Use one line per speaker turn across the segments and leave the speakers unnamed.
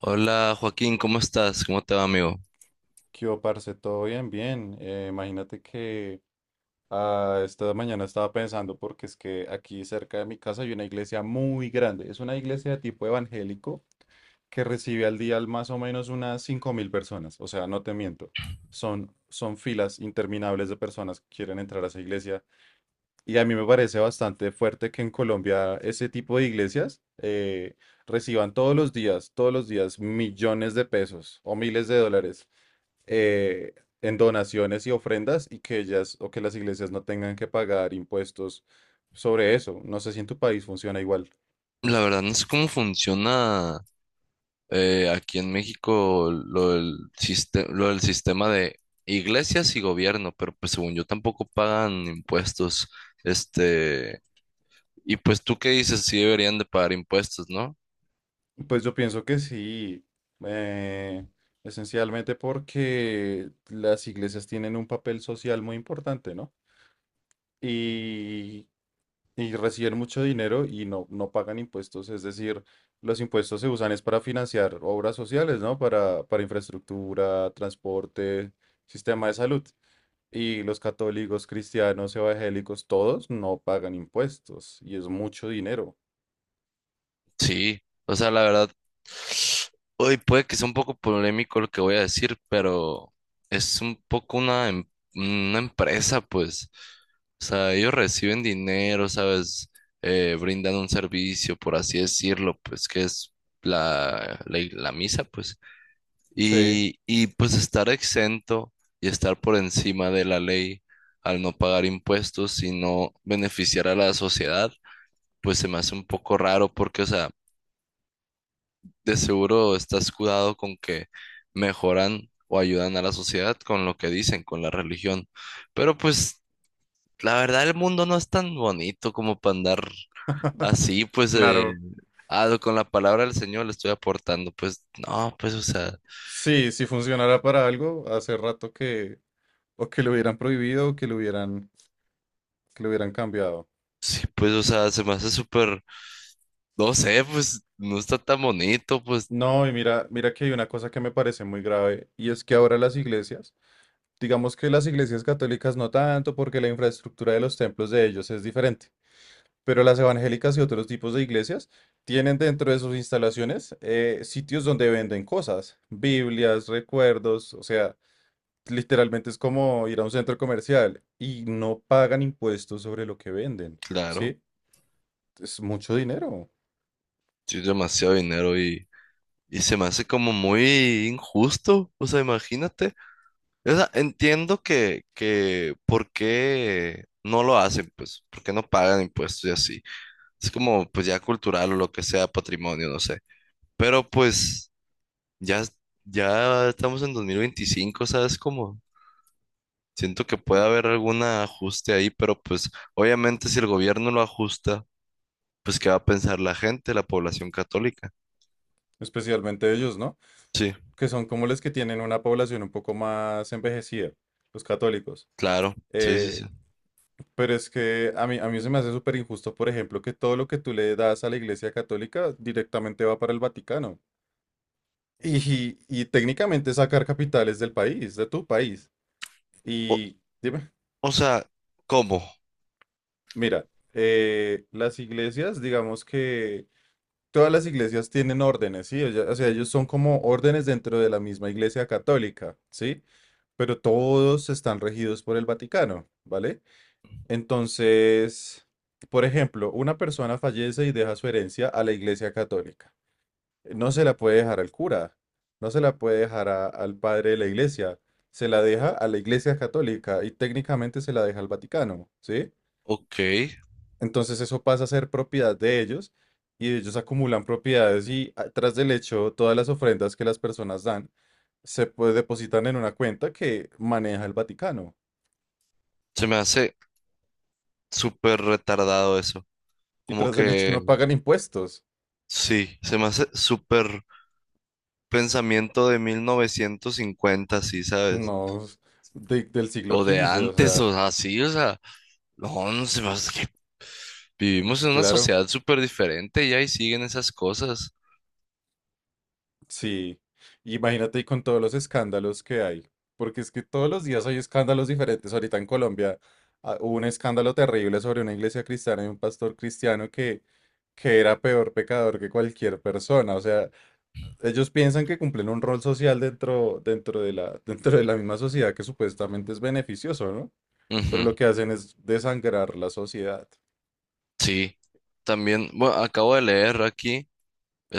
Hola Joaquín, ¿cómo estás? ¿Cómo te va, amigo?
¿Qué hubo, parce? ¿Todo bien? Bien. Imagínate que esta mañana estaba pensando porque es que aquí cerca de mi casa hay una iglesia muy grande. Es una iglesia de tipo evangélico que recibe al día más o menos unas 5.000 personas. O sea, no te miento. Son filas interminables de personas que quieren entrar a esa iglesia. Y a mí me parece bastante fuerte que en Colombia ese tipo de iglesias reciban todos los días millones de pesos o miles de dólares eh, en donaciones y ofrendas y que ellas o que las iglesias no tengan que pagar impuestos sobre eso. No sé si en tu país funciona igual.
La verdad no sé cómo funciona, aquí en México lo lo del sistema de iglesias y gobierno, pero pues según yo tampoco pagan impuestos. Este, y pues tú qué dices, sí deberían de pagar impuestos, ¿no?
Pues yo pienso que sí, eh, esencialmente porque las iglesias tienen un papel social muy importante, ¿no? Y y reciben mucho dinero y no, no pagan impuestos, es decir, los impuestos se usan es para financiar obras sociales, ¿no? Para infraestructura, transporte, sistema de salud. Y los católicos, cristianos, evangélicos, todos no pagan impuestos y es mucho dinero.
Sí, o sea, la verdad, hoy puede que sea un poco polémico lo que voy a decir, pero es un poco una empresa, pues. O sea, ellos reciben dinero, ¿sabes? Brindan un servicio, por así decirlo, pues que es la misa, pues.
Sí,
Y pues estar exento y estar por encima de la ley al no pagar impuestos y no beneficiar a la sociedad, pues se me hace un poco raro porque, o sea, de seguro está escudado con que mejoran o ayudan a la sociedad con lo que dicen, con la religión. Pero pues la verdad el mundo no es tan bonito como para andar así, pues
claro.
con la palabra del Señor le estoy aportando, pues no, pues o sea,
Sí, si funcionara para algo, hace rato que o que lo hubieran prohibido o que lo hubieran cambiado.
sí, pues o sea, se me hace súper, no sé, pues no está tan bonito, pues
No, y mira, mira que hay una cosa que me parece muy grave y es que ahora las iglesias digamos que las iglesias católicas no tanto porque la infraestructura de los templos de ellos es diferente, pero las evangélicas y otros tipos de iglesias tienen dentro de sus instalaciones sitios donde venden cosas, Biblias, recuerdos, o sea, literalmente es como ir a un centro comercial y no pagan impuestos sobre lo que venden,
claro,
¿sí? Es mucho dinero,
sí, demasiado dinero y se me hace como muy injusto, o sea, imagínate. O sea, entiendo que por qué no lo hacen, pues, por qué no pagan impuestos y así. Es como, pues, ya cultural o lo que sea, patrimonio, no sé. Pero, pues, ya, es- ya estamos en 2025, ¿sabes? Como, siento que puede haber algún ajuste ahí, pero, pues, obviamente si el gobierno lo ajusta, pues, ¿qué va a pensar la gente, la población católica?
especialmente ellos, ¿no?
Sí,
Que son como los que tienen una población un poco más envejecida, los católicos.
claro, sí, sí,
Eh,
sí.
Pero es que a mí se me hace súper injusto, por ejemplo, que todo lo que tú le das a la Iglesia Católica directamente va para el Vaticano. Y técnicamente sacar capitales del país, de tu país.
O,
Y dime,
o sea, ¿cómo?
mira, las iglesias, digamos que todas las iglesias tienen órdenes, ¿sí? O sea, ellos son como órdenes dentro de la misma Iglesia Católica, ¿sí? Pero todos están regidos por el Vaticano, ¿vale? Entonces, por ejemplo, una persona fallece y deja su herencia a la Iglesia Católica. No se la puede dejar al cura, no se la puede dejar al padre de la Iglesia, se la deja a la Iglesia Católica y técnicamente se la deja al Vaticano, ¿sí?
Ok,
Entonces eso pasa a ser propiedad de ellos y ellos acumulan propiedades y tras del hecho todas las ofrendas que las personas dan se pues, depositan en una cuenta que maneja el Vaticano
se me hace súper retardado eso.
y
Como
tras del hecho no
que
pagan impuestos.
sí, se me hace súper pensamiento de 1950, sí, ¿sabes?
No, s- de- Del siglo
O de
quince o
antes,
sea,
o así, o sea, no, no se me hace, que vivimos en una
claro,
sociedad súper diferente ya y ahí siguen esas cosas.
sí. Imagínate y con todos los escándalos que hay, porque es que todos los días hay escándalos diferentes. Ahorita en Colombia hubo un escándalo terrible sobre una iglesia cristiana y un pastor cristiano que era peor pecador que cualquier persona. O sea, ellos piensan que cumplen un rol social dentro de la, dentro de la misma sociedad que supuestamente es beneficioso, ¿no? Pero
Ujú.
lo que hacen es desangrar la sociedad.
Sí, también, bueno, acabo de leer aquí,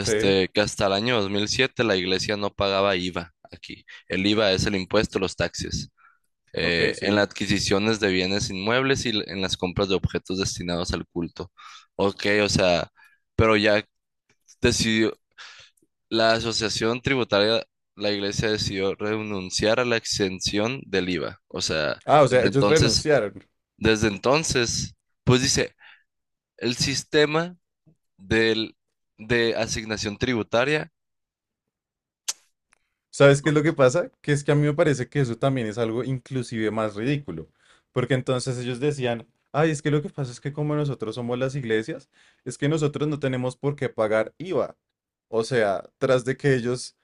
Sí,
que hasta el año 2007 la iglesia no pagaba IVA aquí. El IVA es el impuesto a los taxis.
ok,
En las
sí.
adquisiciones de bienes inmuebles y en las compras de objetos destinados al culto. Ok, o sea, pero ya decidió, la asociación tributaria, la iglesia decidió renunciar a la exención del IVA. O sea,
Ah, o sea,
desde
ellos
entonces,
renunciaron.
desde entonces, pues dice, el sistema del, de asignación tributaria,
¿Sabes qué es lo que pasa? Que es que a mí me parece que eso también es algo inclusive más ridículo, porque entonces ellos decían, ay, es que lo que pasa es que como nosotros somos las iglesias, es que nosotros no tenemos por qué pagar IVA. O sea, tras de que ellos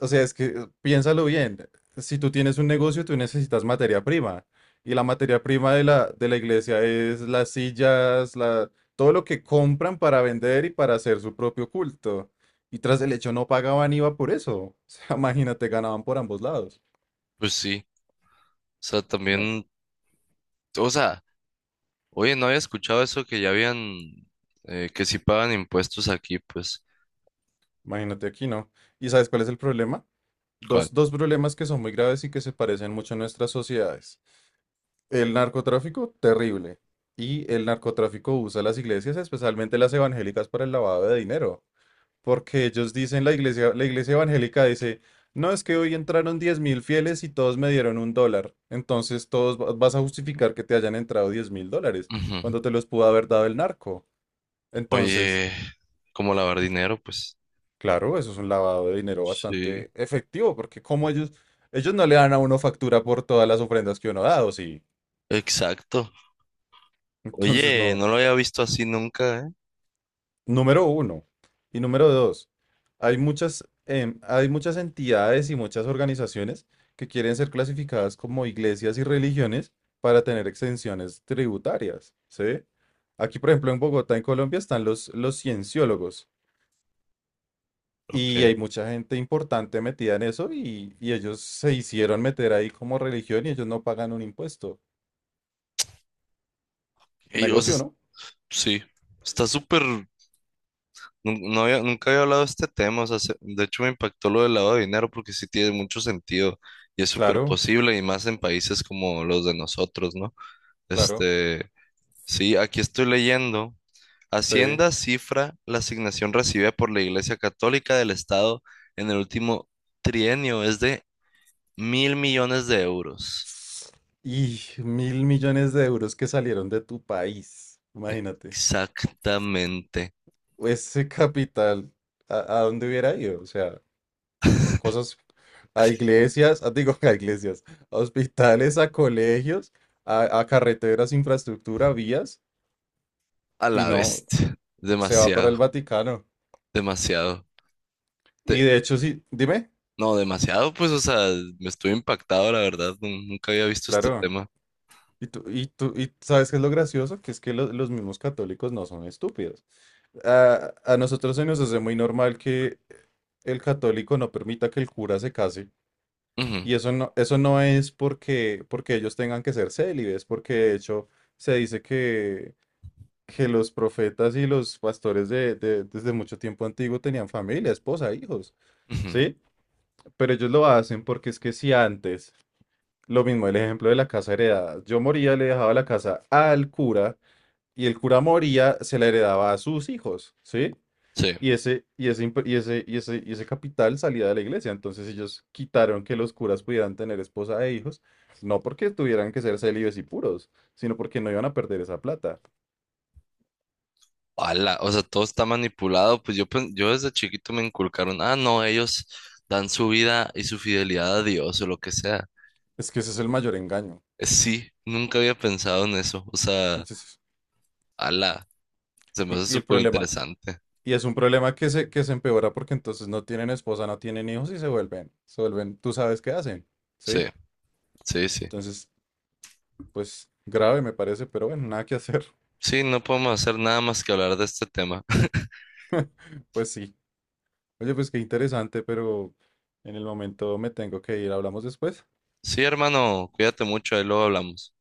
o sea, es que piénsalo bien. Si tú tienes un negocio, tú necesitas materia prima. Y la materia prima de la iglesia es las sillas, la, todo lo que compran para vender y para hacer su propio culto. Y tras el hecho no pagaban IVA por eso. O sea, imagínate, ganaban por ambos lados.
pues sí, o sea,
Me-
también, o sea, oye, no había escuchado eso que ya habían, que sí pagan impuestos aquí, pues.
imagínate aquí, ¿no? ¿Y sabes cuál es el problema?
¿Cuál?
Dos problemas que son muy graves y que se parecen mucho en nuestras sociedades. El narcotráfico, terrible. Y el narcotráfico usa las iglesias, especialmente las evangélicas, para el lavado de dinero. Porque ellos dicen, la iglesia evangélica dice, no, es que hoy entraron 10.000 fieles y todos me dieron un dólar. Entonces todos vas a justificar que te hayan entrado 10.000 dólares,
Ujú.
cuando te los pudo haber dado el narco. Entonces,
Oye, como lavar dinero, pues.
claro, eso es un lavado de dinero
Sí,
bastante efectivo, porque como ellos no le dan a uno factura por todas las ofrendas que uno ha dado, sí.
exacto.
Entonces,
Oye,
no.
no lo había visto así nunca, ¿eh?
Número uno. Y número dos, hay muchas, hay muchas entidades y muchas organizaciones que quieren ser clasificadas como iglesias y religiones para tener exenciones tributarias, ¿sí? Aquí, por ejemplo, en Bogotá, en Colombia, están los cienciólogos y hay
Ok.
mucha gente importante metida en eso y ellos se hicieron meter ahí como religión y ellos no pagan un impuesto.
Ey, o sea,
Negocio, ¿no?
sí, está súper... No nunca había hablado de este tema, o sea, de hecho me impactó lo del lavado de dinero porque sí tiene mucho sentido y es súper
Claro,
posible y más en países como los de nosotros, ¿no?
claro,
Este, Sí, aquí estoy leyendo.
sí.
Hacienda cifra la asignación recibida por la Iglesia Católica del Estado en el último trienio es de 1.000 millones de euros.
Y 1.000 millones de euros que salieron de tu país, imagínate.
Exactamente.
Ese capital, a dónde hubiera ido? O sea, mm, cosas a iglesias, ah, digo, a iglesias, a hospitales, a colegios, a carreteras, infraestructura, vías,
A
y
la
no,
bestia.
se va para
Demasiado,
el Vaticano.
demasiado.
Y
Te-
de hecho, sí, dime,
no, demasiado, pues, o sea, me estoy impactado, la verdad. Nunca había visto este
claro.
tema.
Y tú, y tú, y ¿sabes qué es lo gracioso? Que es que los mismos católicos no son estúpidos. A nosotros se nos hace muy normal que el católico no permita que el cura se case.
Ujú,
Y eso no es porque, porque ellos tengan que ser célibes, porque de hecho se dice que los profetas y los pastores desde mucho tiempo antiguo tenían familia, esposa, hijos,
ujú.
¿sí? Pero ellos lo hacen porque es que si antes, lo mismo el ejemplo de la casa heredada, yo moría, le dejaba la casa al cura y el cura moría, se la heredaba a sus hijos, ¿sí?
Sí.
Y ese, imp- y ese, y ese, Y ese capital salía de la iglesia. Entonces ellos quitaron que los curas pudieran tener esposa e hijos, no porque tuvieran que ser célibes y puros, sino porque no iban a perder esa plata.
Ala, o sea, todo está manipulado. Pues yo, yo desde chiquito me inculcaron, ah, no, ellos dan su vida y su fidelidad a Dios o lo que sea.
Es que ese es el mayor engaño.
Sí, nunca había pensado en eso. O sea,
Entonces,
ala, se me hace
y el
súper
problema,
interesante.
y es un problema que se empeora porque entonces no tienen esposa, no tienen hijos y se vuelven, tú sabes qué hacen,
Sí,
¿sí?
sí, sí.
Entonces, pues grave me parece, pero bueno, nada que hacer.
Sí, no podemos hacer nada más que hablar de este tema.
Pues sí. Oye, pues qué interesante, pero en el momento me tengo que ir. ¿Hablamos después?
Sí, hermano, cuídate mucho, ahí luego hablamos.